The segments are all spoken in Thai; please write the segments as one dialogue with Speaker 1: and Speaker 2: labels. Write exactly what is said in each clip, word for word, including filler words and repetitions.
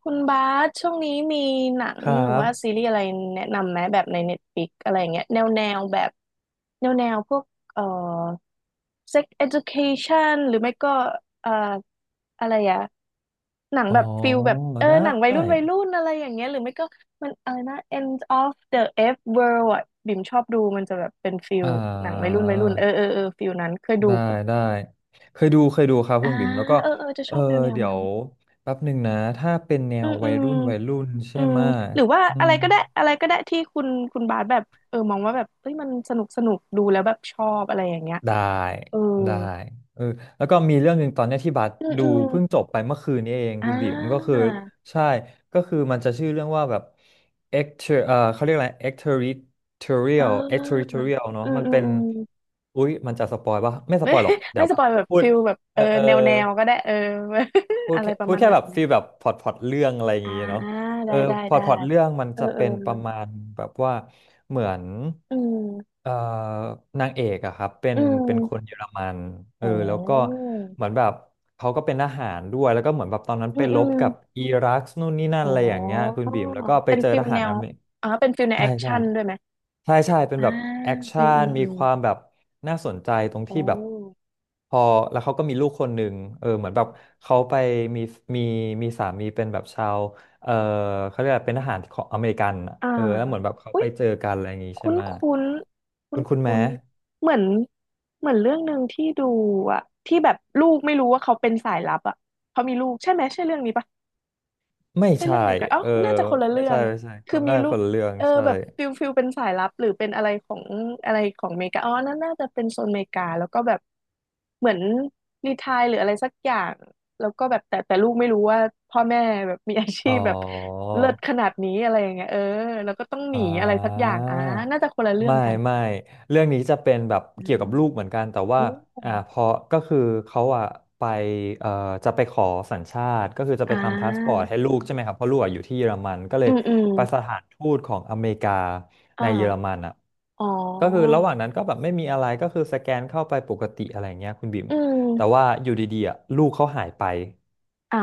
Speaker 1: คุณบาสช่วงนี้มีหนัง
Speaker 2: ครั
Speaker 1: หรือว่าซี
Speaker 2: บ
Speaker 1: รีส์อะไรแนะนำไหมแบบใน Netflix อะไรอย่างเงี้ยแนวแนวแบบแนวแนวพวกเอ่อ Sex Education หรือไม่ก็เอ่ออะไรอะหนัง
Speaker 2: อ๋อ
Speaker 1: แบบฟิลแบบเออ
Speaker 2: ได
Speaker 1: หนังวัย
Speaker 2: ้
Speaker 1: รุ่นวัยรุ่นอะไรอย่างเงี้ยหรือไม่ก็มันอะไรนะ End of the F World อะบิ่มชอบดูมันจะแบบเป็นฟิล
Speaker 2: อ่า
Speaker 1: หนังวัยรุ่นวัยรุ่นเออเออเออฟิลนั้นเคยดู
Speaker 2: ได้
Speaker 1: ปะ
Speaker 2: ได้ เคยดู เคยดูครับ
Speaker 1: อ่า
Speaker 2: คุณบิ่มแล้วก็
Speaker 1: เออเออจะช
Speaker 2: เออ
Speaker 1: อบแนวแนว
Speaker 2: เดี๋ย
Speaker 1: นั้น
Speaker 2: วแป๊บหนึ่งนะ ถ้าเป็นแน
Speaker 1: อื
Speaker 2: ว
Speaker 1: มอื
Speaker 2: วัย
Speaker 1: ม
Speaker 2: รุ่นวัยรุ่นใช่
Speaker 1: อืม
Speaker 2: ไหมะ
Speaker 1: หรือว่า
Speaker 2: อื
Speaker 1: อะไร
Speaker 2: ม
Speaker 1: ก็ได้อะไรก็ได้ที่คุณคุณบาสแบบเออมองว่าแบบเฮ้ยมันสนุกสนุกดูแล้วแบบชอบอะไรอย่างเงี้ย
Speaker 2: ได้
Speaker 1: เออ
Speaker 2: ได้เออแล้วก็มีเรื่องหนึ่งตอนเนี้ยที่บัส
Speaker 1: อืม
Speaker 2: ดู
Speaker 1: อืม
Speaker 2: เพิ่งจบไปเมื่อคืนนี้เอง
Speaker 1: อ่
Speaker 2: คุณบีมก็คือ
Speaker 1: า
Speaker 2: ใช่ก็คือมันจะชื่อเรื่องว่าแบบเอกเอ่อเขาเรียกอะไร
Speaker 1: อ่
Speaker 2: extraterritorial
Speaker 1: า
Speaker 2: extraterritorial เนอะ
Speaker 1: อืม
Speaker 2: มัน
Speaker 1: อืม
Speaker 2: เป็น
Speaker 1: อืม
Speaker 2: อุ๊ยมันจะสปอยปะไม่ ส
Speaker 1: ไม่
Speaker 2: ปอยหรอกเดี๋
Speaker 1: ไม่
Speaker 2: ยว
Speaker 1: ส
Speaker 2: แบ
Speaker 1: ป
Speaker 2: บ
Speaker 1: อยแบบ
Speaker 2: พูด
Speaker 1: ฟิลแบบเอ
Speaker 2: เอ
Speaker 1: อ
Speaker 2: อเออ
Speaker 1: แนวแนวก็ได้เออ
Speaker 2: พู ด
Speaker 1: อะไร
Speaker 2: แค่
Speaker 1: ประ
Speaker 2: พูด
Speaker 1: มาณ
Speaker 2: แค่
Speaker 1: ไหน
Speaker 2: แบบ
Speaker 1: อะไหม
Speaker 2: ฟีลแบบพอร์ตพอร์ตเรื่องอะไรอย่าง
Speaker 1: อ่า
Speaker 2: งี้เนาะเอ
Speaker 1: ได้
Speaker 2: อ
Speaker 1: ได้
Speaker 2: พอร์ต
Speaker 1: ได้
Speaker 2: พอร์ตเรื่องมัน
Speaker 1: เออ
Speaker 2: จะ
Speaker 1: เออ
Speaker 2: เป็นประมาณแบบว่าเหมือน
Speaker 1: อืม
Speaker 2: เอ่อนางเอกอะครับเป็
Speaker 1: อื
Speaker 2: นเป็นคน
Speaker 1: ม
Speaker 2: เยอรมันเออ
Speaker 1: โอ้
Speaker 2: แล้วก็เหมือนแบบเขาก็เป็นทหารด้วยแล้วก็เหมือนแบบตอนนั้น
Speaker 1: อื
Speaker 2: ไป
Speaker 1: ม
Speaker 2: ร
Speaker 1: อื
Speaker 2: บ
Speaker 1: ม
Speaker 2: กับอิรักนู่นนี่นั่น
Speaker 1: อ๋อ
Speaker 2: อะไรอย่างเงี้ยคุณบีมแล้วก็ไป
Speaker 1: เป็น
Speaker 2: เจอ
Speaker 1: ฟิ
Speaker 2: ท
Speaker 1: ล
Speaker 2: หา
Speaker 1: แน
Speaker 2: รอ
Speaker 1: ว
Speaker 2: เมริก
Speaker 1: อ๋อเป็นฟิลแนว
Speaker 2: ใช่
Speaker 1: แอค
Speaker 2: ใช่
Speaker 1: ชั่นด้วยไหม
Speaker 2: ใช่ใช่เป็น
Speaker 1: อ่า
Speaker 2: แบบแอค
Speaker 1: อื
Speaker 2: ชั่
Speaker 1: มอื
Speaker 2: น
Speaker 1: ม
Speaker 2: มี
Speaker 1: อืม
Speaker 2: ความแบบน่าสนใจตรงที่
Speaker 1: โอ้
Speaker 2: แบบพอแล้วเขาก็มีลูกคนหนึ่งเออเหมือนแบบเขาไปมีมีมีสามีเป็นแบบชาวเออเขาเรียกว่าเป็นทหารของอเมริกันอะ
Speaker 1: อ่า
Speaker 2: เออแล้วเหมือนแบบเขา
Speaker 1: อุ้
Speaker 2: ไป
Speaker 1: ย
Speaker 2: เจอกันอะไรอย่างงี้ใช่
Speaker 1: คุ้น
Speaker 2: ไหม
Speaker 1: คุ้นคุ้
Speaker 2: คุ
Speaker 1: น
Speaker 2: ณคุณ
Speaker 1: คุ้
Speaker 2: แม้
Speaker 1: นๆเหมือนเหมือนเรื่องหนึ่งที่ดูอะที่แบบลูกไม่รู้ว่าเขาเป็นสายลับอะเขามีลูกใช่ไหม ใช่เรื่องนี้ปะ
Speaker 2: ไม่
Speaker 1: ใช่เรื่
Speaker 2: ใช่
Speaker 1: องเดียวกันอ๋อ
Speaker 2: เออ
Speaker 1: น่าจะคนละ
Speaker 2: ไม่
Speaker 1: เรื่อ
Speaker 2: ใช่
Speaker 1: ง
Speaker 2: ไม่ใช่ค
Speaker 1: คือ
Speaker 2: น
Speaker 1: มี
Speaker 2: น่าจะ
Speaker 1: ลู
Speaker 2: ค
Speaker 1: ก
Speaker 2: นละเรื่อง
Speaker 1: เออ
Speaker 2: ใช่
Speaker 1: แบบฟิลฟิลเป็นสายลับหรือเป็นอะไรของอะไรของอเมริกาอ๋อนั่นน่าจะเป็นโซนอเมริกาแล้วก็แบบเหมือนรีไทร์หรืออะไรสักอย่างแล้วก็แบบแต่แต่ลูกไม่รู้ว่าพ่อแม่แบบมีอาชี
Speaker 2: อ๋อ
Speaker 1: พแบบเลิศขนาดนี้อะไรอย่างเงี้ยเออแล้วก็ต้องห
Speaker 2: อ่
Speaker 1: นีอะไรสักอย่างอ่า
Speaker 2: า
Speaker 1: น่าจะคนละเรื่อง
Speaker 2: ไม่
Speaker 1: กัน
Speaker 2: ไม่เรื่องนี้จะเป็นแบบ
Speaker 1: อื
Speaker 2: เกี่ยว
Speaker 1: ม
Speaker 2: กับลูกเหมือนกันแต่ว่า
Speaker 1: โอ้
Speaker 2: อ่าพอก็คือเขาอ่ะไปเอ่อจะไปขอสัญชาติก็คือจะ
Speaker 1: อ่
Speaker 2: ไปทำพาสปอร์ต
Speaker 1: า
Speaker 2: ให้ลูกใช่ไหมครับเพราะลูกอะอยู่ที่เยอรมันก็เล
Speaker 1: อื
Speaker 2: ย
Speaker 1: มอืม
Speaker 2: ไปสถานทูตของอเมริกา
Speaker 1: อ
Speaker 2: ในเยอรมั
Speaker 1: ่า
Speaker 2: นอ่ะ
Speaker 1: อ๋
Speaker 2: ก็คือ
Speaker 1: อ
Speaker 2: ระหว่างนั้นก็แบบไม่มีอะไรก็คือสแกนเข้าไปปกติอะไรเงี้ยคุณบิ๋ม
Speaker 1: อื
Speaker 2: แต่
Speaker 1: ม
Speaker 2: ว่าอยู่ดีๆอ่ะลูกเขาหายไป
Speaker 1: อ่า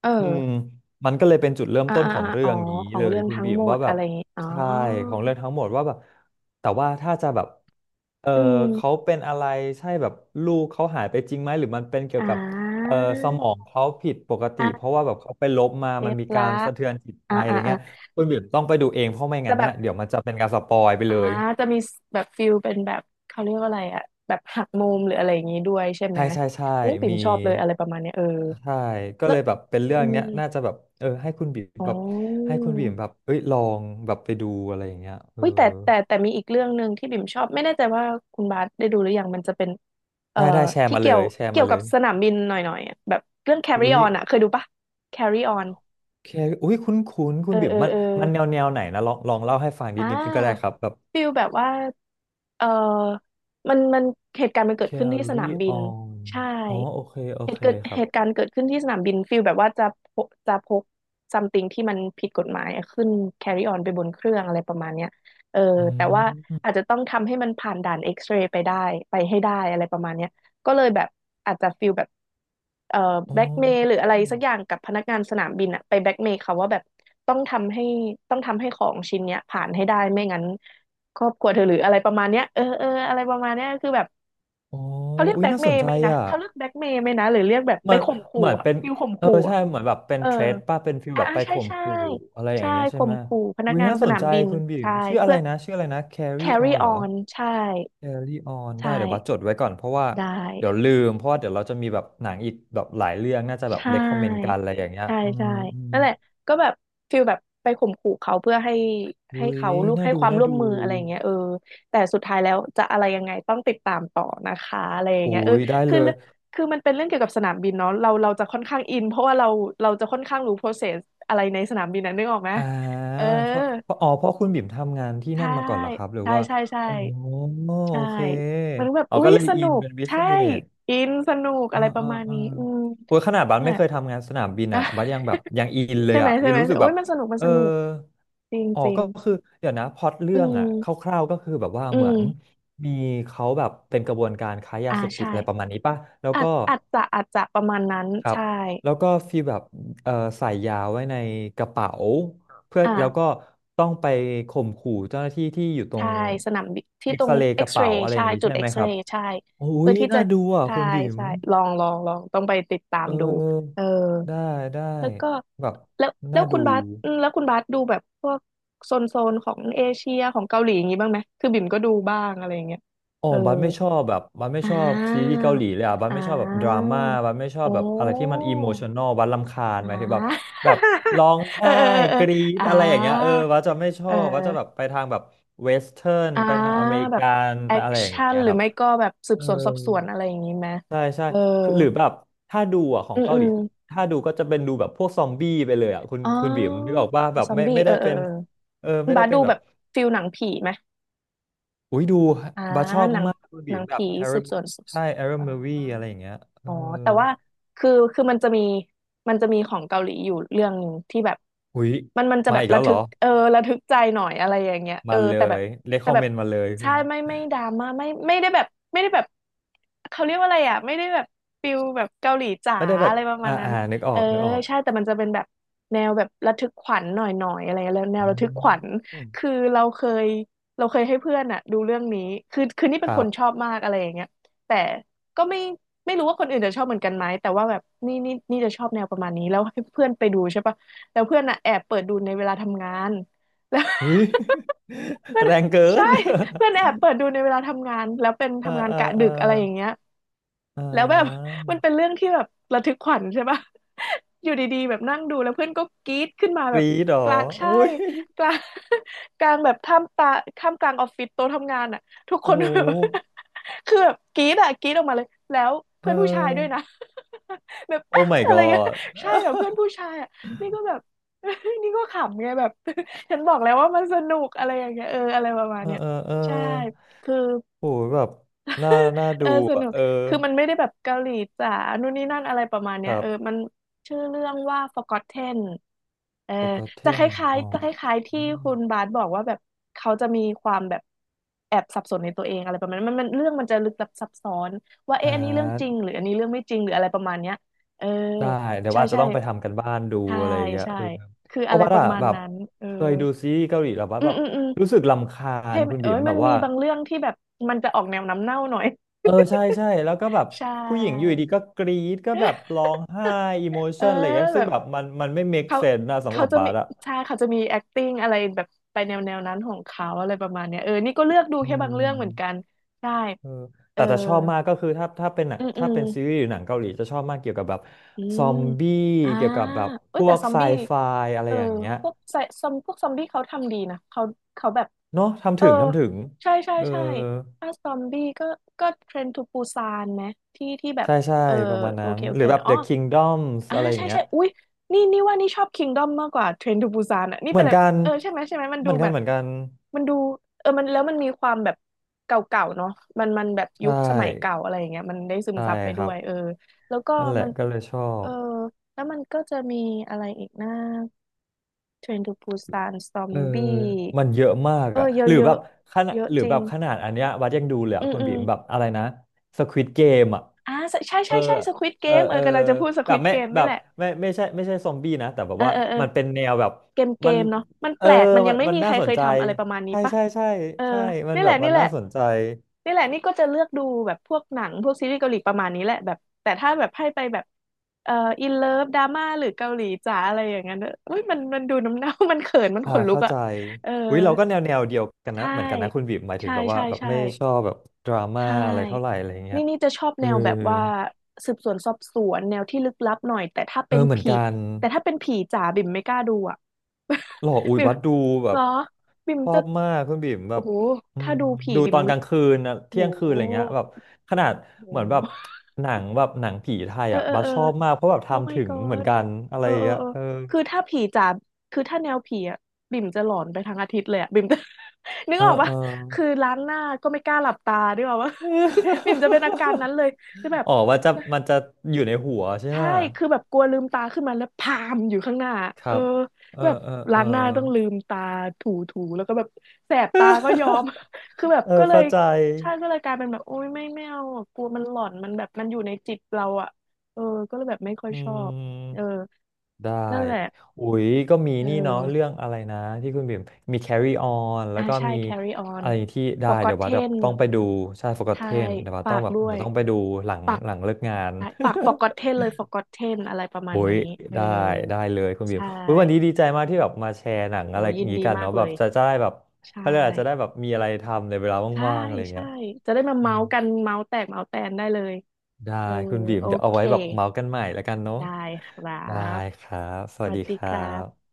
Speaker 1: เออ
Speaker 2: อืมมันก็เลยเป็นจุดเริ่ม
Speaker 1: อ่า
Speaker 2: ต้น
Speaker 1: อ่า
Speaker 2: ของ
Speaker 1: อา
Speaker 2: เรื่
Speaker 1: อ๋อ
Speaker 2: องนี้
Speaker 1: ของ
Speaker 2: เลย
Speaker 1: เรื่อง
Speaker 2: คุณ
Speaker 1: ทั้ง
Speaker 2: บี
Speaker 1: ห
Speaker 2: ม
Speaker 1: มด
Speaker 2: ว่าแบ
Speaker 1: อะไร
Speaker 2: บ
Speaker 1: อย่างงี้อ๋อ
Speaker 2: ใช่ของเรื่องทั้งหมดว่าแบบแต่ว่าถ้าจะแบบเออ
Speaker 1: อื
Speaker 2: เขา
Speaker 1: ม
Speaker 2: เป็นอะไรใช่แบบลูกเขาหายไปจริงไหมหรือมันเป็นเกี่ย
Speaker 1: อ่
Speaker 2: วกับเอ
Speaker 1: า
Speaker 2: อสมองเขาผิดปกติ
Speaker 1: อ่
Speaker 2: เพ
Speaker 1: า
Speaker 2: ราะว่าแบบเขาไปลบมา
Speaker 1: เก็
Speaker 2: มัน
Speaker 1: ต
Speaker 2: มี
Speaker 1: ละ
Speaker 2: การสะเทือนจิตใจ
Speaker 1: อ่า
Speaker 2: อะไร
Speaker 1: อ่าอ่า
Speaker 2: เงี้ยคุณบีมต้องไปดูเองเพราะไม่
Speaker 1: จะ
Speaker 2: งั้น
Speaker 1: แบ
Speaker 2: นะ
Speaker 1: บ
Speaker 2: เดี๋ยวมันจะเป็นการสปอยไป
Speaker 1: อ่า
Speaker 2: เลย
Speaker 1: จะมีแบบฟิลเป็นแบบเขาเรียกว่าอะไรอะแบบหักมุมหรืออะไรอย่างงี้ด้วยใช่ไหม
Speaker 2: ใช่ใช่ใช่
Speaker 1: โอ้ปิ่ม
Speaker 2: มี
Speaker 1: ชอบเลยอะไรประมาณเนี้ยเออ
Speaker 2: ใช่ ก็
Speaker 1: แล้
Speaker 2: เล
Speaker 1: ว
Speaker 2: ยแบบเป็น
Speaker 1: อื
Speaker 2: เรื่อง
Speaker 1: ม
Speaker 2: เนี้ยน่าจะแบบเออให้คุณบีม
Speaker 1: อ๋
Speaker 2: แบบให้
Speaker 1: อ
Speaker 2: คุณบีมแบบเอ้ยลองแบบไปดูอะไรอย่างเงี้ยเออ
Speaker 1: อุ้ยแต่แต่แต่มีอีกเรื่องหนึ่งที่บิ่มชอบไม่แน่ใจว่าคุณบาสได้ดูหรือยังมันจะเป็นเอ่อ
Speaker 2: ได้ได้แชร์
Speaker 1: ที่
Speaker 2: มาเล
Speaker 1: เกี่ยว
Speaker 2: ยแชร์
Speaker 1: เกี่
Speaker 2: มา
Speaker 1: ยว
Speaker 2: เล
Speaker 1: กับ
Speaker 2: ย
Speaker 1: สนามบินหน่อยๆอะแบบเรื่อง
Speaker 2: อุ้
Speaker 1: Carry
Speaker 2: ย
Speaker 1: On อะเคยดูปะ Carry On
Speaker 2: แคอุ้ยคุ้นคุ้นคุ
Speaker 1: เอ
Speaker 2: ณ
Speaker 1: อ
Speaker 2: บิ่ม
Speaker 1: เออ
Speaker 2: มัน
Speaker 1: เออ
Speaker 2: มันแนวแนวไหนนะลองลองเล่าให้ฟังนิ
Speaker 1: อ่
Speaker 2: ดนิดก็ได้ครั
Speaker 1: า
Speaker 2: บแบบ
Speaker 1: ฟิลแบบว่า เออมันมันเหตุการณ์มันเกิดขึ้นที่สนา
Speaker 2: carry
Speaker 1: มบิน
Speaker 2: on
Speaker 1: ใช่
Speaker 2: อ๋อโอเคโอ
Speaker 1: เห
Speaker 2: เค
Speaker 1: ตุเกิด
Speaker 2: ครั
Speaker 1: เห
Speaker 2: บ
Speaker 1: ตุการณ์เกิดขึ้นที่สนามบินฟิลแบบว่าจะพกจะพกซัมติงที่มันผิดกฎหมายอะขึ้น carry on ไปบนเครื่องอะไรประมาณเนี้ยเออ
Speaker 2: อื
Speaker 1: แต่ว่าอา
Speaker 2: ม
Speaker 1: จจะต้องทำให้มันผ่านด่านเอ็กซเรย์ไปได้ไปให้ได้อะไรประมาณเนี้ยก็เลยแบบอาจจะฟิลแบบเอ่อ
Speaker 2: อ๋อ
Speaker 1: แบ็กเมย์หรืออะไรสักอย่างกับพนักงานสนามบินอะไปแบ็กเมย์เขาว่าแบบต้องทำให้ต้องทำให้ของชิ้นเนี้ยผ่านให้ได้ไม่งั้นครอบครัวเธอหรืออะไรประมาณเนี้ยเออเอออะไรประมาณเนี้ยคือแบบ
Speaker 2: อ๋อ
Speaker 1: เขาเรียก
Speaker 2: อุ้ย
Speaker 1: แบ็ก
Speaker 2: น่า
Speaker 1: เม
Speaker 2: สน
Speaker 1: ย์
Speaker 2: ใจ
Speaker 1: ไหมนะ
Speaker 2: อ่ะ
Speaker 1: เขาเรียกแบ็กเมย์ไหมนะหรือเรียกแบบไป
Speaker 2: มัน
Speaker 1: ข่มขู่
Speaker 2: เหมือน
Speaker 1: อะ
Speaker 2: เป็น
Speaker 1: ฟิลข่ม
Speaker 2: เออ
Speaker 1: ขู่อะ
Speaker 2: ใช่เหมือนแบบเป็น
Speaker 1: เออ
Speaker 2: เทรดป่ะเป็นฟีล
Speaker 1: อ่า
Speaker 2: แบบไป
Speaker 1: ใช่
Speaker 2: ข่ม
Speaker 1: ใช่
Speaker 2: ขู่อะไรอย่า
Speaker 1: ใช่
Speaker 2: งเงี้ยใช่
Speaker 1: ข่
Speaker 2: ไห
Speaker 1: ม
Speaker 2: ม
Speaker 1: ขู่ พนัก
Speaker 2: วิ
Speaker 1: งาน
Speaker 2: น่า
Speaker 1: ส
Speaker 2: สน
Speaker 1: นาม
Speaker 2: ใจ
Speaker 1: บิน
Speaker 2: คุณบิ่
Speaker 1: ใช่
Speaker 2: มชื่ออะ
Speaker 1: เพื่
Speaker 2: ไร
Speaker 1: อ
Speaker 2: นะชื่ออะไรนะ Carry
Speaker 1: carry
Speaker 2: On เหรอ
Speaker 1: on ใช่
Speaker 2: Carry On ได้
Speaker 1: ใช่
Speaker 2: เดี๋ยวบัสจดไว้ก่อนเพราะว่า
Speaker 1: ได้
Speaker 2: เดี๋ยวลืมเพราะว่าเดี๋ยวเราจะมีแบบหนังอีกแบบหลายเรื่องน่าจะแบบ
Speaker 1: ใช่
Speaker 2: recommend กันอะไรอย่างเงี้ย
Speaker 1: ใช่
Speaker 2: อื
Speaker 1: ใช่
Speaker 2: มอืม
Speaker 1: นั่นแหละก็แบบฟิลแบบไปข่มขู่เขาเพื่อให้ให้
Speaker 2: อุ้ย
Speaker 1: เขาลูก
Speaker 2: น่า
Speaker 1: ให้
Speaker 2: ดู
Speaker 1: ความ
Speaker 2: น่า
Speaker 1: ร่วม
Speaker 2: ดู
Speaker 1: มืออะไรอย่างเงี้ยเออแต่สุดท้ายแล้วจะอะไรยังไงต้องติดตามต่อนะคะอะไรอย่างเงี้
Speaker 2: อุ้
Speaker 1: ยเออ
Speaker 2: ยได้
Speaker 1: คือ
Speaker 2: เลย
Speaker 1: คือมันเป็นเรื่องเกี่ยวกับสนามบินเนาะเราเราจะค่อนข้างอินเพราะว่าเราเราจะค่อนข้างรู้ process อะไรในสนามบินนั้นนึกออกไหม
Speaker 2: อ่า
Speaker 1: เออ
Speaker 2: เพราะเพราะอ๋อเพราะคุณบิ่มทำงานที่นั่
Speaker 1: ใช่
Speaker 2: นมาก่อนเหรอครับหรือ
Speaker 1: ใช่
Speaker 2: ว่า
Speaker 1: ใช่ใช่
Speaker 2: อ๋อโอ
Speaker 1: ใช่
Speaker 2: เค
Speaker 1: มันแบบ
Speaker 2: อ๋อ
Speaker 1: อุ๊
Speaker 2: ก็
Speaker 1: ย
Speaker 2: เลย
Speaker 1: ส
Speaker 2: อิ
Speaker 1: นุ
Speaker 2: น
Speaker 1: ก
Speaker 2: เป็นพิเศ
Speaker 1: ใช่
Speaker 2: ษ
Speaker 1: อินสนุก
Speaker 2: เอ
Speaker 1: อะ
Speaker 2: อ
Speaker 1: ไรป
Speaker 2: เอ
Speaker 1: ระ
Speaker 2: อ
Speaker 1: มาณ
Speaker 2: เออ
Speaker 1: นี้อืม
Speaker 2: โอ้ยขนาดบั
Speaker 1: นั่น
Speaker 2: ส
Speaker 1: แหล
Speaker 2: ไม่เคยทำงานสนามบินอ่ะบัส
Speaker 1: ะ
Speaker 2: ยังแบบยังอินเล
Speaker 1: ใช่
Speaker 2: ย
Speaker 1: ไหม
Speaker 2: อ่ะ
Speaker 1: ใช่
Speaker 2: ยัง
Speaker 1: ไหม
Speaker 2: รู้สึก
Speaker 1: โอ้
Speaker 2: แบ
Speaker 1: ย
Speaker 2: บ
Speaker 1: มันสนุกมัน
Speaker 2: เออ
Speaker 1: สนุกจริง
Speaker 2: อ๋อ
Speaker 1: จริง
Speaker 2: ก็คือเดี๋ยวนะพล็อตเรื่
Speaker 1: อื
Speaker 2: องอ่ะค
Speaker 1: ม
Speaker 2: ร่าวๆก็คือแบบว่า
Speaker 1: อื
Speaker 2: เหมือ
Speaker 1: ม
Speaker 2: นมีเขาแบบเป็นกระบวนการค้ายา
Speaker 1: อ่า
Speaker 2: เสพติด
Speaker 1: ใช่
Speaker 2: อะไรประมาณนี้ป่ะ แล้ว
Speaker 1: อา
Speaker 2: ก็
Speaker 1: จอาจจะอาจจะประมาณนั้น
Speaker 2: ครับ
Speaker 1: ใช่
Speaker 2: แล้วก็ฟีลแบบเออใส่ยาไว้ในกระเป๋าเพื่อ
Speaker 1: อ่า
Speaker 2: แล้วก็ต้องไปข่มขู่เจ้าหน้าที่ที่อยู่ตร
Speaker 1: ใช่
Speaker 2: ง
Speaker 1: สนามบินที่
Speaker 2: เอ็
Speaker 1: ต
Speaker 2: ก
Speaker 1: ร
Speaker 2: ซ
Speaker 1: ง
Speaker 2: เรย์
Speaker 1: เอ็
Speaker 2: ก
Speaker 1: ก
Speaker 2: ระ
Speaker 1: ซเร
Speaker 2: เป๋า
Speaker 1: ย์
Speaker 2: อะไรอ
Speaker 1: ใช่
Speaker 2: ย่างงี้
Speaker 1: จุด
Speaker 2: ใช่
Speaker 1: เอ็
Speaker 2: ไห
Speaker 1: ก
Speaker 2: ม
Speaker 1: ซ
Speaker 2: ครั
Speaker 1: เร
Speaker 2: บ
Speaker 1: ย์ใช่
Speaker 2: โอ้
Speaker 1: เพื่
Speaker 2: ย
Speaker 1: อที่
Speaker 2: น่า
Speaker 1: จะ
Speaker 2: ดูอ่ะ
Speaker 1: ใช่
Speaker 2: คุณบิ๋ม
Speaker 1: ใช่ลองลองลองต้องไปติดตา
Speaker 2: เ
Speaker 1: มดูเอ
Speaker 2: ออ
Speaker 1: อ
Speaker 2: ได้ได้
Speaker 1: แล้วก็
Speaker 2: แบบ
Speaker 1: แล้วแล้
Speaker 2: น่า
Speaker 1: วคุ
Speaker 2: ดู
Speaker 1: ณบาสอืมแล้วคุณบาสดูแบบพวกโซนโซนของเอเชียของเกาหลีอย่างนี้บ้างไหมคือบิ่มก็ดูบ้างอะไรอย่างเงี้ย
Speaker 2: อ๋อ
Speaker 1: เออ
Speaker 2: บัสไม่ชอบแบบบัสไม่
Speaker 1: อ่
Speaker 2: ชอบซี
Speaker 1: า
Speaker 2: รีส์เกาหลีเลยอ่ะบัส
Speaker 1: อ่
Speaker 2: ไม่ชอบแบบดรา
Speaker 1: า
Speaker 2: ม่าบัสไม่ชอบ
Speaker 1: โอ้
Speaker 2: แบบอะไรที่มันอิโมชัน เอ แอล แอลบัสรำคาญ
Speaker 1: อ่
Speaker 2: หมายถึงแบบ
Speaker 1: า
Speaker 2: แบบ ร้อง
Speaker 1: เออ
Speaker 2: ไห้
Speaker 1: เออเออเอ
Speaker 2: ก
Speaker 1: อ
Speaker 2: รี๊ด
Speaker 1: อ่า
Speaker 2: อะไรอย่างเงี้ยเออบัสจะไม่ชอ
Speaker 1: เอ
Speaker 2: บบัสจะแบบ
Speaker 1: อ
Speaker 2: ไปทางแบบเวสเทิร์น
Speaker 1: อ่า
Speaker 2: ไปทางอเมริ
Speaker 1: แบบ
Speaker 2: กัน
Speaker 1: แอ
Speaker 2: ไป
Speaker 1: ค
Speaker 2: อะไรอย่าง
Speaker 1: ชั่น
Speaker 2: เงี้ย
Speaker 1: หรือ
Speaker 2: ครับ
Speaker 1: ไม่ก็แบบสื
Speaker 2: เอ
Speaker 1: บ
Speaker 2: อ
Speaker 1: สวนสอบสวนอะไรอย่างนี้ไหม
Speaker 2: ใช่ใช่
Speaker 1: เออ
Speaker 2: คือหรือแบบถ้าดูอ่ะขอ
Speaker 1: อื
Speaker 2: ง
Speaker 1: ม
Speaker 2: เกา
Speaker 1: อื
Speaker 2: หลี
Speaker 1: ม
Speaker 2: ถ้าดูก็จะเป็นดูแบบพวกซอมบี้ไปเลยอ่ะคุณ
Speaker 1: อ๋อ
Speaker 2: คุณบิ๋มนึกออกป่ะแบบ
Speaker 1: ซอม
Speaker 2: ไม่
Speaker 1: บี้
Speaker 2: ไม่
Speaker 1: เอ
Speaker 2: ได้
Speaker 1: อเออ
Speaker 2: เป็น
Speaker 1: เออ
Speaker 2: เออ
Speaker 1: คุ
Speaker 2: ไม่
Speaker 1: ณ
Speaker 2: ได้
Speaker 1: บาส
Speaker 2: เป็
Speaker 1: ดู
Speaker 2: นแบ
Speaker 1: แบ
Speaker 2: บ
Speaker 1: บฟิลหนังผีไหม
Speaker 2: อุ้ยดู
Speaker 1: อ่า
Speaker 2: บาชอบ
Speaker 1: หนัง
Speaker 2: มากอืเลยม
Speaker 1: ห
Speaker 2: บี
Speaker 1: นั
Speaker 2: ม
Speaker 1: ง
Speaker 2: แบบ
Speaker 1: ผี
Speaker 2: แฮร์
Speaker 1: สื
Speaker 2: รี่
Speaker 1: บสวนสอบส
Speaker 2: ใช่
Speaker 1: วน
Speaker 2: แฮร์รี่
Speaker 1: อ๋อ
Speaker 2: มูวี่อะไรอย่างเงี้ยเอ
Speaker 1: อ๋
Speaker 2: อ
Speaker 1: อแต่ว่าคือคือมันจะมีมันจะมีของเกาหลีอยู่เรื่องหนึ่งที่แบบ
Speaker 2: อุ้ย
Speaker 1: มันมันจะ
Speaker 2: มา
Speaker 1: แบบ
Speaker 2: อีกแล้
Speaker 1: ระ
Speaker 2: ว
Speaker 1: ทึ
Speaker 2: เหรอ
Speaker 1: กเออระทึกใจหน่อยอะไรอย่างเงี้ยเอ
Speaker 2: มา
Speaker 1: อ
Speaker 2: เล
Speaker 1: แต่แบบ
Speaker 2: ยเรคค
Speaker 1: แต่
Speaker 2: อม
Speaker 1: แบ
Speaker 2: เม
Speaker 1: บ
Speaker 2: นต์มาเลยคุ
Speaker 1: ใช่
Speaker 2: ณ
Speaker 1: ไม่ไม่ดราม่าไม่ไม่ได้แบบไม่ได้แบบเขาเรียกว่าอะไรอ่ะไม่ได้แบบฟิลแบบเกาหลีจ๋า
Speaker 2: ไม่ได้แบบ
Speaker 1: อะไรประมา
Speaker 2: อ่า
Speaker 1: ณนั้น
Speaker 2: อ่านึกออ
Speaker 1: เออ
Speaker 2: กนึกออก
Speaker 1: ใช่แต่มันจะเป็นแบบแนวแบบระทึกขวัญหน่อยหน่อยอะไรเงี้ยแล้วแน
Speaker 2: อ
Speaker 1: วระทึกขวัญ
Speaker 2: ืม
Speaker 1: คือเราเคยเราเคยให้เพื่อนอ่ะดูเรื่องนี้คือคือนี่
Speaker 2: ค
Speaker 1: เป็นค
Speaker 2: รั
Speaker 1: นชอ
Speaker 2: บ
Speaker 1: บมากอะไรอย่างเงี้ยแต่ ก็ไม่ไม่รู้ว่าคนอื่นจะชอบเหมือนกันไหมแต่ว่าแบบนี่นี่นี่จะชอบแนวประมาณนี้แล้วให้เพื่อนไปดูใช่ปะแล้วเพื่อนอ่ะแอบเปิดดูในเวลาทำงานแล้ว
Speaker 2: อุ้ย
Speaker 1: เพื่อ น
Speaker 2: แรงเกิ
Speaker 1: ใช่
Speaker 2: น
Speaker 1: เพื่อนแอบ เปิดดูในเวลาทำงานแล้วเป็น
Speaker 2: อ่า
Speaker 1: ทำงาน
Speaker 2: อ่า
Speaker 1: กะดึ
Speaker 2: อ่า
Speaker 1: กอะไรอย่างเงี้ย
Speaker 2: อ่
Speaker 1: แล้วแบบ
Speaker 2: า
Speaker 1: มันเป็นเรื่องที่แบบระทึกขวัญใช่ปะ อยู่ดีๆแบบนั่งดูแล้วเพื่อนก็กรี๊ดขึ้นมา
Speaker 2: ก
Speaker 1: แบบ
Speaker 2: รีดเหร
Speaker 1: ก
Speaker 2: อ
Speaker 1: ลางใช่
Speaker 2: อุ้ย
Speaker 1: กลาง กลางแบบท่ามตาท่ามกลางออฟฟิศโต๊ะทำงานอ่ะทุกค
Speaker 2: โอ้
Speaker 1: น
Speaker 2: โห
Speaker 1: แบบ คือแบบกรี๊ดอ่ะกรี๊ดออกมาเลยแล้ว
Speaker 2: เอ
Speaker 1: เพื่อนผู้ชายด้วยนะ
Speaker 2: อ
Speaker 1: แบบ
Speaker 2: โอ้ my
Speaker 1: อะไรเงี้ย
Speaker 2: god
Speaker 1: ใช่แบบเพื่อนผู้ชายอ่ะนี่ก็แบบ นี่ก็ขำไงแบบ ฉันบอกแล้วว่ามันสนุกอะไรอย่างเงี้ยเอออะไรประมาณ
Speaker 2: เออ
Speaker 1: เนี้ย
Speaker 2: เออเออ
Speaker 1: ใช่คือ
Speaker 2: โอ้โหแบบน่าน่า
Speaker 1: เอ
Speaker 2: ดู
Speaker 1: อส
Speaker 2: อ่ะ
Speaker 1: นุก
Speaker 2: เออ
Speaker 1: คือมันไม่ได้แบบเกาหลีจ๋านู่นนี่นั่นอะไรประมาณ
Speaker 2: ค
Speaker 1: เนี้ย
Speaker 2: รั
Speaker 1: เอ
Speaker 2: บ
Speaker 1: อมันชื่อเรื่องว่า Forgotten เออ
Speaker 2: ปกติเท
Speaker 1: จะค
Speaker 2: น
Speaker 1: ล้าย
Speaker 2: อ๋อ
Speaker 1: ๆจะคล้ายๆ
Speaker 2: อื
Speaker 1: ที่
Speaker 2: ม
Speaker 1: คุณบาสบอกว่าแบบเขาจะมีความแบบแอบสับสนในตัวเองอะไรประมาณนั้นมันมันเรื่องมันจะลึกลับซับซ้อนว่า
Speaker 2: อ่
Speaker 1: เอ๊ะอันนี้เรื่องจริง
Speaker 2: า
Speaker 1: หรืออันนี้เรื่องไม่จริงหรืออะไรประมาณเนี้ยเออ
Speaker 2: ได้เดี๋ยว
Speaker 1: ใช่
Speaker 2: ว่าจจะ
Speaker 1: ใช่
Speaker 2: ต้องไปทำกันบ้านดู
Speaker 1: ใช่
Speaker 2: อะไรอย่างเงี้ย
Speaker 1: ใช่
Speaker 2: เออ
Speaker 1: คือ
Speaker 2: เพ
Speaker 1: อะ
Speaker 2: ราะ
Speaker 1: ไร
Speaker 2: ว่า
Speaker 1: ประ
Speaker 2: อะ
Speaker 1: มาณ
Speaker 2: แบบ
Speaker 1: นั้นเออ
Speaker 2: เคยดูซีรีส์เกาหลีแล้วว่า
Speaker 1: อื
Speaker 2: แบ
Speaker 1: ม
Speaker 2: บ
Speaker 1: อืมอืม
Speaker 2: รู้สึกรำคา
Speaker 1: ใช่
Speaker 2: ญ
Speaker 1: ไหม
Speaker 2: คุณ
Speaker 1: เอ้
Speaker 2: บิ่ม
Speaker 1: ย
Speaker 2: แบ
Speaker 1: มัน
Speaker 2: บ
Speaker 1: มี
Speaker 2: ว่า
Speaker 1: บางเรื่องที่แบบมันจะออกแนวน้ำเน่าหน่อย
Speaker 2: เออใช่ใช่แล้วก็แบ บ
Speaker 1: ใช่
Speaker 2: ผู้หญิงอยู่ดีก็กรี๊ดก็แบบร้องไห้อิโม
Speaker 1: เอ
Speaker 2: ชั
Speaker 1: อ
Speaker 2: นอะไรอย่างเงี้ย
Speaker 1: แบ
Speaker 2: ซึ่ง
Speaker 1: บ
Speaker 2: แบบมันมันไม่ make
Speaker 1: เขา
Speaker 2: sense นะสำห
Speaker 1: เขา
Speaker 2: รับ
Speaker 1: จะ
Speaker 2: บา
Speaker 1: มี
Speaker 2: สอะ
Speaker 1: ใช่เขาจะมี แอคติ้ง อะไรแบบไปแนวแนวนั้นของเขาอะไรประมาณเนี้ยเออนี่ก็เลือกดู
Speaker 2: อื
Speaker 1: แค่บางเรื่องเหมือนกัน
Speaker 2: ม
Speaker 1: ใช่
Speaker 2: เออ
Speaker 1: เอ
Speaker 2: แต่
Speaker 1: อ
Speaker 2: จะชอบมากก็คือถ้าถ้าเป็นหนัง
Speaker 1: อืมอื
Speaker 2: ถ้า
Speaker 1: ม
Speaker 2: เป็นซีรีส์หรือหนังเกาหลีจะชอบมากเกี่ยวกับแบบ
Speaker 1: อื
Speaker 2: ซอ
Speaker 1: ม
Speaker 2: มบี้
Speaker 1: อ่า
Speaker 2: เกี่ยวกับแบบ
Speaker 1: เอ้
Speaker 2: พ
Speaker 1: ย
Speaker 2: ว
Speaker 1: แต่
Speaker 2: ก
Speaker 1: ซอม
Speaker 2: ไซ
Speaker 1: บี้
Speaker 2: ไฟอะไร
Speaker 1: เออ
Speaker 2: อย่างเงี้ย
Speaker 1: พวกไซซอมพวกซอมบี้เขาทำดีนะเขาเขาแบบ
Speaker 2: เนาะทำ
Speaker 1: เออ
Speaker 2: ถึงทำถึง
Speaker 1: ใช่ใช่
Speaker 2: เออ
Speaker 1: ใช่ถ้าซอมบี้ก็ก็เทรนทูปูซานไหมที่ที่แบบ
Speaker 2: ใช่ใช่
Speaker 1: เออ
Speaker 2: ประมาณ
Speaker 1: โอ
Speaker 2: นั้
Speaker 1: เค
Speaker 2: น
Speaker 1: โอ
Speaker 2: หรื
Speaker 1: เค
Speaker 2: อ
Speaker 1: ห
Speaker 2: แบ
Speaker 1: น่อ
Speaker 2: บ
Speaker 1: ยอ๋อ
Speaker 2: The Kingdoms
Speaker 1: อ่า
Speaker 2: อะไรอย่า
Speaker 1: ใช่
Speaker 2: งเงี้ย
Speaker 1: ใช่อุ๊ยนี่นี่ว่านี่ชอบ คิงดอม มากกว่า เทรน ทู ปูซาน อ่ะนี่
Speaker 2: เหมื
Speaker 1: เป็น
Speaker 2: อ
Speaker 1: อะ
Speaker 2: น
Speaker 1: ไร
Speaker 2: กัน
Speaker 1: เออใช่ไหมใช่ไหมมัน
Speaker 2: เห
Speaker 1: ดู
Speaker 2: มือนกั
Speaker 1: แบ
Speaker 2: น
Speaker 1: บ
Speaker 2: เหมือนกัน
Speaker 1: มันดูเออมันแล้วมันมีความแบบเก่าๆเนาะมันมันแบบยุ
Speaker 2: ใช่
Speaker 1: คสมัยเก่าอะไรอย่างเงี้ยมันได้ซึม
Speaker 2: ใช่
Speaker 1: ซับไป
Speaker 2: ค
Speaker 1: ด้
Speaker 2: รั
Speaker 1: ว
Speaker 2: บ
Speaker 1: ยเออแล้วก็
Speaker 2: นั่นแหละ
Speaker 1: มัน
Speaker 2: ก็เลยชอ
Speaker 1: เออ
Speaker 2: บ
Speaker 1: แล้วมันก็จะมีอะไรอีกนะ Train to Busan z อม
Speaker 2: เออ
Speaker 1: บี้
Speaker 2: มันเยอะมาก
Speaker 1: เอ
Speaker 2: อะ
Speaker 1: อเย
Speaker 2: ห
Speaker 1: อะ
Speaker 2: รือ
Speaker 1: เย
Speaker 2: แบ
Speaker 1: อะ
Speaker 2: บขนาด
Speaker 1: เยอะ
Speaker 2: หรือ
Speaker 1: จริ
Speaker 2: แบ
Speaker 1: ง
Speaker 2: บขนาดอันเนี้ยวัดยังดูเลย
Speaker 1: อื
Speaker 2: อะ
Speaker 1: ม
Speaker 2: คุณ
Speaker 1: อื
Speaker 2: บี
Speaker 1: ม
Speaker 2: มแบบอะไรนะสควิดเกมอะ
Speaker 1: อ่าใช่
Speaker 2: เอ
Speaker 1: ใช่
Speaker 2: อ
Speaker 1: ใช่ Squid
Speaker 2: เออ
Speaker 1: Game เอ
Speaker 2: เอ
Speaker 1: อ
Speaker 2: อ
Speaker 1: กำลังจะพูด
Speaker 2: แบบ
Speaker 1: Squid
Speaker 2: ไม่
Speaker 1: Game
Speaker 2: แบ
Speaker 1: นี่
Speaker 2: บ
Speaker 1: แหละ
Speaker 2: ไม่ไม่ใช่ไม่ใช่ซอมบี้นะแต่แบบ
Speaker 1: เออ
Speaker 2: ว่า
Speaker 1: เออเออ
Speaker 2: มันเป็นแนวแบบ
Speaker 1: เกมเก
Speaker 2: มัน
Speaker 1: มเนาะมัน
Speaker 2: เอ
Speaker 1: แป
Speaker 2: อ
Speaker 1: ลกมันยั
Speaker 2: มั
Speaker 1: ง
Speaker 2: น
Speaker 1: ไม่
Speaker 2: มัน
Speaker 1: มีใค
Speaker 2: น่า
Speaker 1: ร
Speaker 2: ส
Speaker 1: เค
Speaker 2: น
Speaker 1: ย
Speaker 2: ใจ
Speaker 1: ทำอะไรประมาณนี้
Speaker 2: ใช่
Speaker 1: ปะ
Speaker 2: ใช่ใช่
Speaker 1: เออ
Speaker 2: ใช่มัน
Speaker 1: นี่แห
Speaker 2: แบ
Speaker 1: ละ
Speaker 2: บ
Speaker 1: นี่
Speaker 2: มัน
Speaker 1: แหละ
Speaker 2: น่าสนใจ
Speaker 1: นี่แหละนี่ก็จะเลือกดูแบบพวกหนังพวกซีรีส์เกาหลีประมาณนี้แหละแบบแต่ถ้าแบบให้ไปแบบเอ่ออินเลิฟดราม่าหรือเกาหลีจ๋าอะไรอย่างนั้นเนอะอุ้ยมันมันดูน้ำเน่า มันเขินมัน
Speaker 2: อ่า
Speaker 1: ขนลุก
Speaker 2: เข้า
Speaker 1: อ่ะ
Speaker 2: ใจ
Speaker 1: เออ
Speaker 2: อุ้ยเราก็แนวแนวเดียวกันนะ
Speaker 1: ใช่
Speaker 2: เหมือนกันนะคุณบีมหมายถึง
Speaker 1: ใช่
Speaker 2: แบบว่า
Speaker 1: ใช่
Speaker 2: แบบ
Speaker 1: ใช่
Speaker 2: ไม่ชอบแบบดราม่า
Speaker 1: ใช่
Speaker 2: อะไรเท่าไหร่อะไรเงี้ย
Speaker 1: นี่นี่จะชอบ
Speaker 2: เอ
Speaker 1: แน
Speaker 2: อ
Speaker 1: วแบบว่าสืบสวนสอบสวนแนวที่ลึกลับหน่อยแต่ถ้า
Speaker 2: เอ
Speaker 1: เป็
Speaker 2: อ
Speaker 1: น
Speaker 2: เหมือน
Speaker 1: ผี
Speaker 2: กัน
Speaker 1: แต่ถ้าเป็นผีจ๋าบิ่มไม่กล้าดูอ่ะ
Speaker 2: หล่ออุ ย
Speaker 1: บิ่ม
Speaker 2: บัสดูแบ
Speaker 1: เหร
Speaker 2: บ
Speaker 1: อบิ่ม
Speaker 2: ชอ
Speaker 1: จะ
Speaker 2: บมากคุณบิ่มแบ
Speaker 1: โอ้
Speaker 2: บ
Speaker 1: โห
Speaker 2: อื
Speaker 1: ถ้า
Speaker 2: ม
Speaker 1: ดูผี
Speaker 2: ดู
Speaker 1: บิ่
Speaker 2: ต
Speaker 1: ม
Speaker 2: อนกลางคืนนะ
Speaker 1: โอ้
Speaker 2: เที่
Speaker 1: โห
Speaker 2: ยงคืนอะไรเงี้ยแบบขนาด
Speaker 1: โอ้โ
Speaker 2: เหมือนแบบ
Speaker 1: ห
Speaker 2: หนังแบบหนังผีไทย
Speaker 1: เออ
Speaker 2: อ่ะ
Speaker 1: เออ
Speaker 2: บัส
Speaker 1: เออ
Speaker 2: ชอบมากเพราะแบบ
Speaker 1: โอ้
Speaker 2: ทำ
Speaker 1: my
Speaker 2: ถึงเหมือน
Speaker 1: god
Speaker 2: กันอะไร
Speaker 1: เออ
Speaker 2: อย่าง
Speaker 1: เออ
Speaker 2: เงี้ย
Speaker 1: เออ
Speaker 2: เออ
Speaker 1: คือถ้าผีจ๋าคือถ้าแนวผีอ่ะบิ่มจะหลอนไปทั้งอาทิตย์เลยอ่ะบิ่มจะ นึก
Speaker 2: เอ
Speaker 1: ออก
Speaker 2: อเอ
Speaker 1: ปะ
Speaker 2: อ
Speaker 1: คือล้างหน้าก็ไม่กล้าหลับตานึกออกปะคือบิ่มจะเป็นอาการนั้นเลยคือแบ บ
Speaker 2: อ๋อว่าจะมันจะอยู่ในหัวใช่ไห
Speaker 1: ใช่
Speaker 2: ม
Speaker 1: คือแบบกลัวลืมตาขึ้นมาแล้วพามอยู่ข้างหน้า
Speaker 2: ค
Speaker 1: เอ
Speaker 2: รั
Speaker 1: อ
Speaker 2: บเออ
Speaker 1: แบบ
Speaker 2: เออเอ
Speaker 1: ล้า
Speaker 2: อ
Speaker 1: งหน้าต้องลืมตาถูถูแล้วก็แบบแสบตาก็ยอม คือแบ บ
Speaker 2: เออ
Speaker 1: ก็เล
Speaker 2: เข้า
Speaker 1: ย
Speaker 2: ใจ
Speaker 1: ใช่ก็เลยกลายเป็นแบบโอ้ยไม่ไม่เอาอะกลัวมันหลอนมันแบบมันอยู่ในจิตเราอ่ะเออ ก็เลยแบบไม่ค่อย
Speaker 2: อื
Speaker 1: ชอ
Speaker 2: ม
Speaker 1: บ เออ
Speaker 2: ได้
Speaker 1: นั่นแหละ
Speaker 2: อุ๊ยก็มี
Speaker 1: เอ
Speaker 2: นี่เนาะเรื่อ
Speaker 1: อ
Speaker 2: งอะไรนะที่คุณบิ่มมี Carry On แล้ว
Speaker 1: อ่า
Speaker 2: ก็
Speaker 1: ใช่
Speaker 2: มี
Speaker 1: แคร์รี่ออน
Speaker 2: อะไรที่ได้เดี๋ยวว่าแบบ
Speaker 1: ฟอร์กอตเทน
Speaker 2: ต้องไปดูใช่
Speaker 1: ใช่
Speaker 2: Forgotten เดี๋ยวว่าต้อ
Speaker 1: ฝา
Speaker 2: ง
Speaker 1: ก
Speaker 2: แบบ
Speaker 1: ด้ว
Speaker 2: เดี๋
Speaker 1: ย
Speaker 2: ยวต้องไปดูหลังหลังเลิกงาน
Speaker 1: ใช่ฝาก forgotten เลย ฟอร์กอตเทน อะไรประ มา
Speaker 2: โอ้
Speaker 1: ณนี้
Speaker 2: ย
Speaker 1: เออ
Speaker 2: ได้ได้เลยคุณ
Speaker 1: ใช
Speaker 2: บีมอุ๊ยวันนี้ดี
Speaker 1: ่
Speaker 2: ใจมากที่แบบมาแชร์หนัง
Speaker 1: โอ้
Speaker 2: อะไรอย่า
Speaker 1: ยิ
Speaker 2: ง
Speaker 1: น
Speaker 2: นี้
Speaker 1: ดี
Speaker 2: กัน
Speaker 1: มาก
Speaker 2: เนาะแบ
Speaker 1: เล
Speaker 2: บ
Speaker 1: ย
Speaker 2: จะจะได้แบบ
Speaker 1: ใช่
Speaker 2: เขาเรียกอะไรจะได้แบบมีอะไรทำในเวลา
Speaker 1: ใช่
Speaker 2: ว่างๆอะไรอย่าง
Speaker 1: ใช่
Speaker 2: เงี้ย
Speaker 1: จะได้มา
Speaker 2: อื
Speaker 1: เมา
Speaker 2: ม
Speaker 1: ส์กันเมาส์แตกเมาส์แตนได้เลย
Speaker 2: ได้
Speaker 1: เออ
Speaker 2: คุณบีม
Speaker 1: โอ
Speaker 2: เดี๋ยวเอา
Speaker 1: เค
Speaker 2: ไว้แบบเมาส์กันใหม่แล้วกันเนาะ
Speaker 1: ได้ครั
Speaker 2: ได้
Speaker 1: บ
Speaker 2: ครับ ส
Speaker 1: ส
Speaker 2: วัส
Speaker 1: วัส
Speaker 2: ดีค
Speaker 1: ดีค
Speaker 2: รั
Speaker 1: รับ
Speaker 2: บ